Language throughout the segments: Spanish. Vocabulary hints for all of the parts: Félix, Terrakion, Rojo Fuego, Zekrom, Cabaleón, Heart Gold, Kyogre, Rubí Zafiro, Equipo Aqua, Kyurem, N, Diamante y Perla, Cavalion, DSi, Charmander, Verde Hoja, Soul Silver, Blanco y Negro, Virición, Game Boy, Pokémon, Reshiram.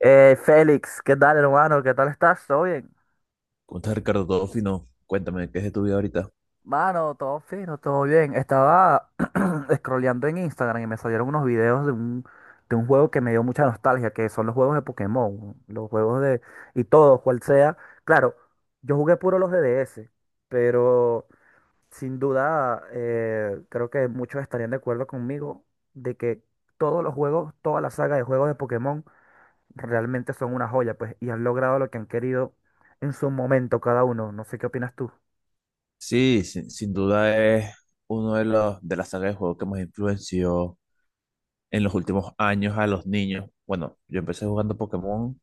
Félix, ¿qué tal, hermano? ¿Qué tal estás? ¿Todo bien? ¿Cómo estás, Ricardo? Todo fino. Cuéntame, ¿qué es de tu vida ahorita? Mano, todo fino, todo bien. Estaba scrolleando en Instagram y me salieron unos videos de un juego que me dio mucha nostalgia, que son los juegos de Pokémon, los juegos de... y todo, cual sea. Claro, yo jugué puro los de DS, pero sin duda creo que muchos estarían de acuerdo conmigo de que todos los juegos, toda la saga de juegos de Pokémon realmente son una joya, pues, y han logrado lo que han querido en su momento cada uno. No sé qué opinas tú. Sí, sin duda es uno de los de la saga de juegos que más influenció en los últimos años a los niños. Bueno, yo empecé jugando Pokémon,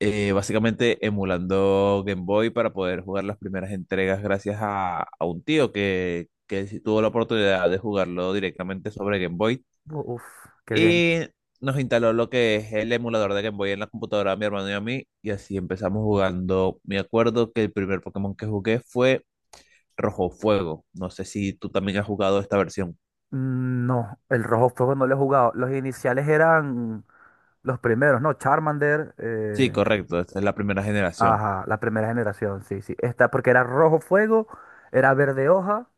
básicamente emulando Game Boy para poder jugar las primeras entregas gracias a un tío que sí tuvo la oportunidad de jugarlo directamente sobre Game Boy. Uf, qué bien. Y nos instaló lo que es el emulador de Game Boy en la computadora de mi hermano y a mí. Y así empezamos jugando. Me acuerdo que el primer Pokémon que jugué fue Rojo Fuego. No sé si tú también has jugado esta versión. Mm, no, el Rojo Fuego no lo he jugado. Los iniciales eran los primeros, ¿no? Charmander, Sí, correcto. Esta es la primera generación. ajá, la primera generación, sí, sí. Esta, porque era Rojo Fuego, era Verde Hoja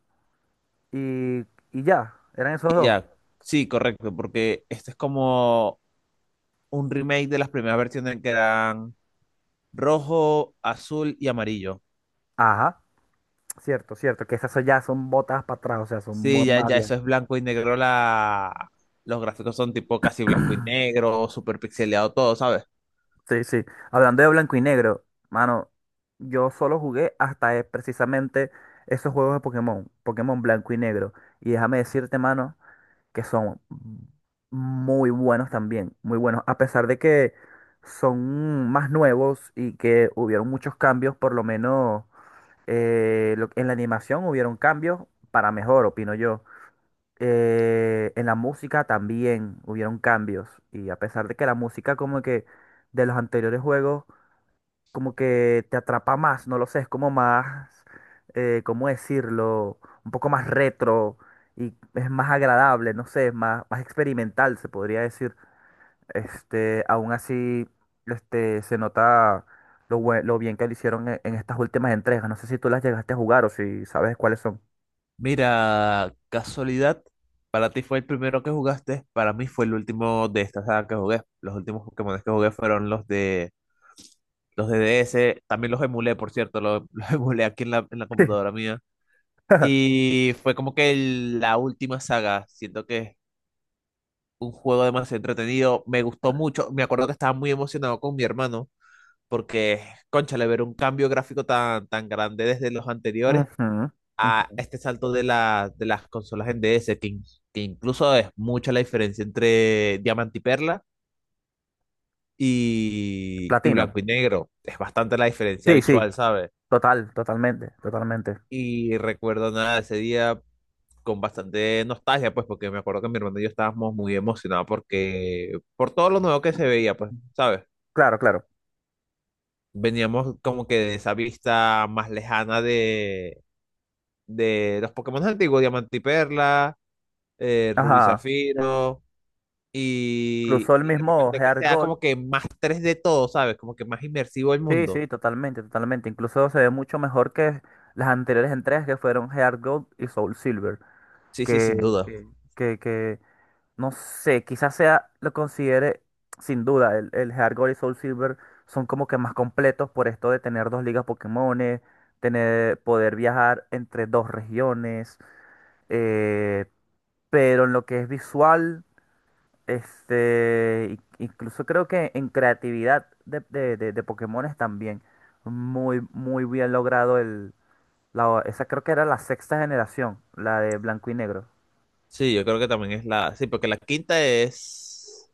y, y ya, eran esos Y dos. ya, sí, correcto. Porque este es como un remake de las primeras versiones que eran rojo, azul y amarillo. Ajá, cierto, cierto, que esas son- ya son botas para atrás, o sea, son mu- Sí, ya, más. ya eso es blanco y negro. La... Los gráficos son tipo casi blanco y negro, super pixeleado todo, ¿sabes? Sí, sí. Hablando de blanco y negro, mano, yo solo jugué hasta precisamente esos juegos de Pokémon, Pokémon blanco y negro. Y déjame decirte, mano, que son muy buenos también, muy buenos. A pesar de que son más nuevos y que hubieron muchos cambios, por lo menos lo- en la animación hubieron cambios para mejor, opino yo. En la música también hubieron cambios. Y a pesar de que la música como que de los anteriores juegos como que te atrapa más, no lo sé, es como más, ¿cómo decirlo? Un poco más retro y es más agradable, no sé, es más, más experimental, se podría decir. Este, aún así, este, se nota lo, bue- lo bien que lo hicieron en estas últimas entregas. No sé si tú las llegaste a jugar o si sabes cuáles son. Mira, casualidad, para ti fue el primero que jugaste, para mí fue el último de esta saga que jugué. Los últimos Pokémon que jugué fueron los de DS, también los emulé, por cierto, los, los emulé aquí en la computadora mía. Y fue como que la última saga. Siento que es un juego demasiado entretenido, me gustó mucho, me acuerdo que estaba muy emocionado con mi hermano, porque, cónchale, ver un cambio gráfico tan, tan grande desde los anteriores Ujú, a ujú. este salto de las consolas en DS, que incluso es mucha la diferencia entre Diamante y Perla y Platino. Blanco y Negro. Es bastante la diferencia Sí, sí, visual, ¿sabes? total, totalmente, totalmente. Y recuerdo nada ese día con bastante nostalgia, pues, porque me acuerdo que mi hermano y yo estábamos muy emocionados porque por todo lo nuevo que se veía, pues, ¿sabes? Claro, claro. Veníamos como que de esa vista más lejana de los Pokémon antiguos, Diamante y Perla, Rubí Ajá. Zafiro. Cruzó el Y de mismo repente que Heart. sea como que más tres de todo, ¿sabes? Como que más inmersivo el Sí, mundo. sí, totalmente, totalmente. Incluso se ve mucho mejor que las anteriores entregas que fueron Heart Gold y Soul Silver. Sí, sí, sin Que, duda. que, que, que, no sé, quizás sea, lo considere, sin duda, el Heart Gold y Soul Silver son como que más completos por esto de tener dos ligas Pokémones, tener, poder viajar entre dos regiones. eh, pero en lo que es visual. Este, in- incluso creo que en creatividad de Pokémones también. Muy, muy bien logrado el. La, esa creo que era la sexta generación, la de blanco y negro. Sí, yo creo que también es la. Sí, porque la quinta es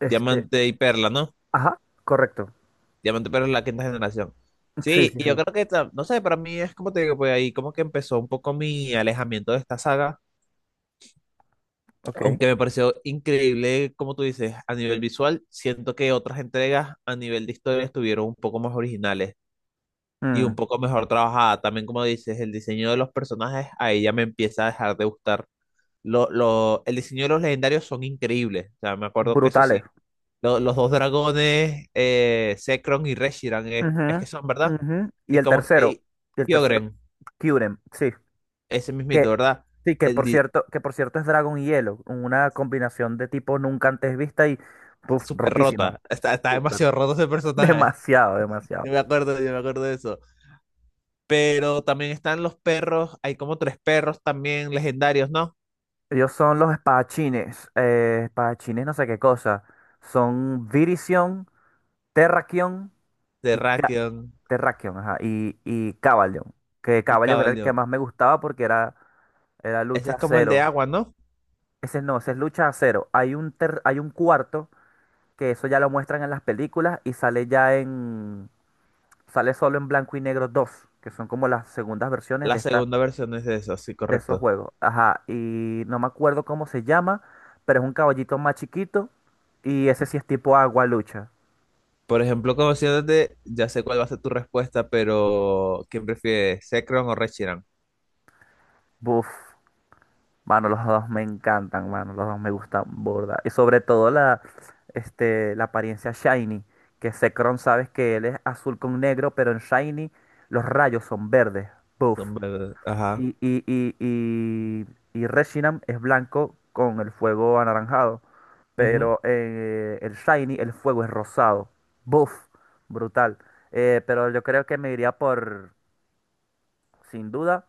Este, Diamante y Perla, ¿no? ajá, correcto. Diamante y Perla es la quinta generación. Sí, Sí, sí, y yo sí. creo que, no sé, para mí es como te digo, pues ahí como que empezó un poco mi alejamiento de esta saga, Ok. aunque me pareció increíble, como tú dices, a nivel visual. Siento que otras entregas a nivel de historia estuvieron un poco más originales y un Mm, poco mejor trabajada. También, como dices, el diseño de los personajes, ahí ya me empieza a dejar de gustar. El diseño de los legendarios son increíbles. O sea, me acuerdo que eso sí, brutales. Los dos dragones, Zekrom y Reshiram, es Ujú, que son, ¿verdad? ujú. Y Y el como, tercero. ey, Y el tercero, Kyogre, Kyurem, sí. ese mismito, Que, ¿verdad? sí, El di- que por cierto es Dragon y Hielo. Una combinación de tipos nunca antes vista y puf, súper rotísima. rota, está, está Súper. demasiado roto ese personaje. Demasiado, demasiado. Yo me acuerdo de eso. Pero también están los perros, hay como tres perros también legendarios, ¿no? Ellos son los espadachines. Espadachines, no sé qué cosa. Son Virición, Terrakion De y Ca- Terrakion Terrakion, ajá, y Cavalion. Que y Cavalion era el que Cabaleón. más me gustaba porque era, era Ese lucha es como el de cero. agua, ¿no? Ese no, ese es lucha cero. Hay un, ter- hay un cuarto que eso ya lo muestran en las películas y sale ya en. Sale solo en blanco y negro 2 que son como las segundas versiones de La esta segunda versión es de eso, sí, de esos correcto. juegos. Ajá, y no me acuerdo cómo se llama, pero es un caballito más chiquito y ese sí es tipo agua lucha. Por ejemplo, conociéndote, ya sé cuál va a ser tu respuesta, pero ¿quién prefiere, Zekrom o Reshiram? Buf, mano, los dos me encantan, mano, los dos me gustan borda. Y sobre todo la, este, la apariencia shiny, que Zekrom sabes que él es azul con negro, pero en shiny los rayos son verdes. Buf. Ajá. Y, y, y, y, y Reshiram es blanco con el fuego anaranjado. Ujú. Pero el Shiny, el fuego es rosado. Buff, brutal. Pero yo creo que me iría por, sin duda,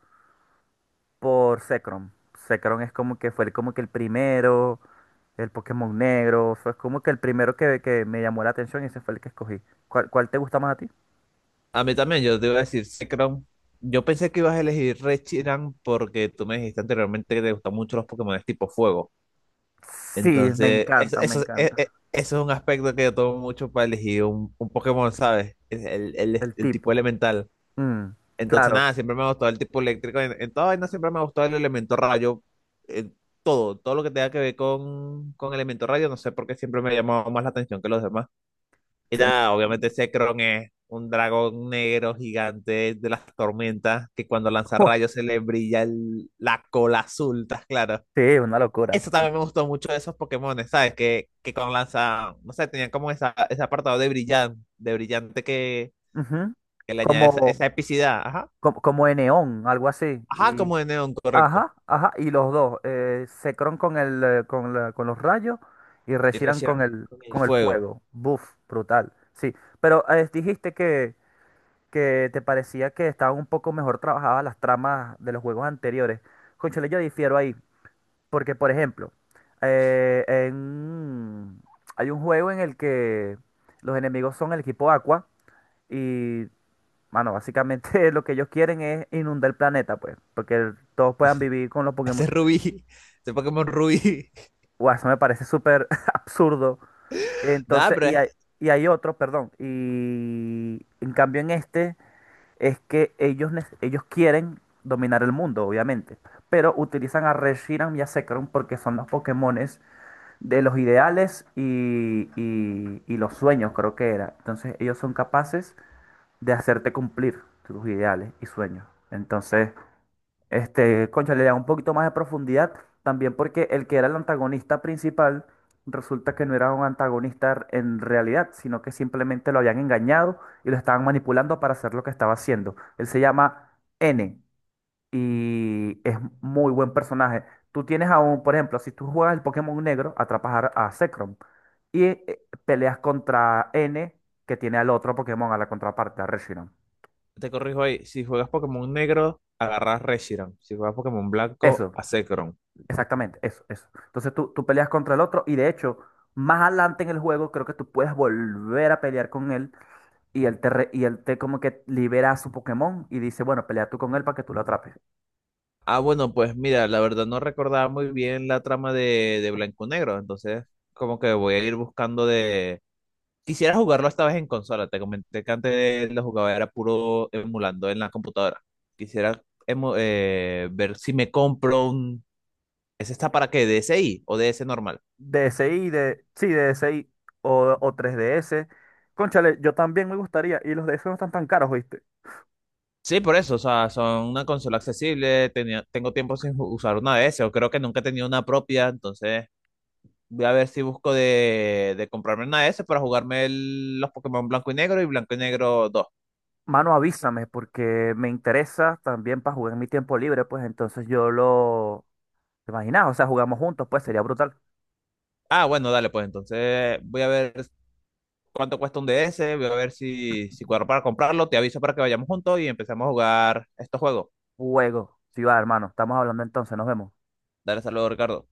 por Zekrom. Zekrom es como que fue como que el primero, el Pokémon negro. Fue como que el primero que me llamó la atención y ese fue el que escogí. ¿Cuál, cuál te gusta más a ti? A mí también, yo te iba a decir Zekrom. Yo pensé que ibas a elegir Reshiram porque tú me dijiste anteriormente que te gustan mucho los Pokémon tipo fuego. Sí, me Entonces, eso, encanta, me eso, e- encanta. e- eso es un aspecto que yo tomo mucho para elegir un Pokémon, ¿sabes? Es El, el, El el tipo tipo. elemental. Mm, Entonces, claro. nada, siempre me ha gustado el tipo eléctrico. En toda vaina siempre me ha gustado el elemento rayo. En todo, todo lo que tenga que ver con elemento rayo, no sé por qué siempre me ha llamado más la atención que los demás. Y Se- nada, obviamente Zekrom es un dragón negro gigante de las tormentas que cuando lanza rayos se le brilla la cola azul, ¿estás claro? Sí, es una locura. Eso también me gustó mucho de esos Pokémones, ¿sabes? Que con lanza, no sé, tenían como esa, ese apartado de brillante que, Ujú. que le añade esa, Como, esa epicidad. Ajá. como, como en neón algo así. Ajá, Y, como de neón, correcto. ajá, ajá. Y los dos, Zekrom con con la- con los rayos y Y Reshiram reaccionan con el con el fuego. fuego. Buf, brutal. Sí, pero dijiste que te parecía que estaban un poco mejor trabajadas las tramas de los juegos anteriores. Cónchale, yo difiero ahí. Porque, por ejemplo, en- hay un juego en el que los enemigos son el equipo Aqua. Y mano, básicamente lo que ellos quieren es inundar el planeta, pues, porque el- todos puedan vivir con los Este Pokémon. es Rubí. Este Pokémon Rubí. Guau, eso me parece súper absurdo. Nada, Entonces, pero y hay otro, perdón, y en cambio en este es que ellos, nec- ellos quieren dominar el mundo, obviamente, pero utilizan a Reshiram y a Zekrom porque son los Pokémones de los ideales y los sueños, creo que era. Entonces, ellos son capaces de hacerte cumplir tus ideales y sueños. Entonces... este, concha, le da un poquito más de profundidad también porque el que era el antagonista principal resulta que no era un antagonista en realidad, sino que simplemente lo habían engañado y lo estaban manipulando para hacer lo que estaba haciendo. Él se llama N y es muy buen personaje. Tú tienes aún, por ejemplo, si tú juegas el Pokémon Negro, atrapas a Zekrom y peleas contra N que tiene al otro Pokémon, a la contraparte, a Reshiram. te corrijo ahí. Si juegas Pokémon negro, agarras Reshiram. Si juegas Pokémon blanco, Eso. a Zekrom. Exactamente, eso, eso. Entonces tú peleas contra el otro y de hecho, más adelante en el juego creo que tú puedes volver a pelear con él y él te, re- y él te como que libera a su Pokémon y dice, bueno, pelea tú con él para que tú lo atrapes. Ah, bueno, pues mira, la verdad no recordaba muy bien la trama de blanco negro. Entonces, como que voy a ir buscando de. Quisiera jugarlo esta vez en consola. Te comenté que antes lo jugaba era puro emulando en la computadora. Quisiera ver si me compro un. ¿Ese está para qué? ¿DSi o DS normal? DSi, de, sí, DSi o 3DS. Cónchale, yo también me gustaría. Y los DS no están tan caros, ¿viste? Sí, por eso, o sea, son una consola accesible, tengo tiempo sin usar una DS, o creo que nunca he tenido una propia, entonces voy a ver si busco de comprarme una DS para jugarme los Pokémon Blanco y Negro y Blanco y Negro 2. Mano, avísame porque me interesa también para jugar en mi tiempo libre, pues entonces yo lo... ¿Te imaginas? O sea, jugamos juntos, pues sería brutal. Ah, bueno, dale, pues entonces voy a ver cuánto cuesta un DS, voy a ver si cuadro para comprarlo, te aviso para que vayamos juntos y empecemos a jugar estos juegos. Juego. Sí va, hermano. Estamos hablando entonces, nos vemos. Dale, saludos, Ricardo.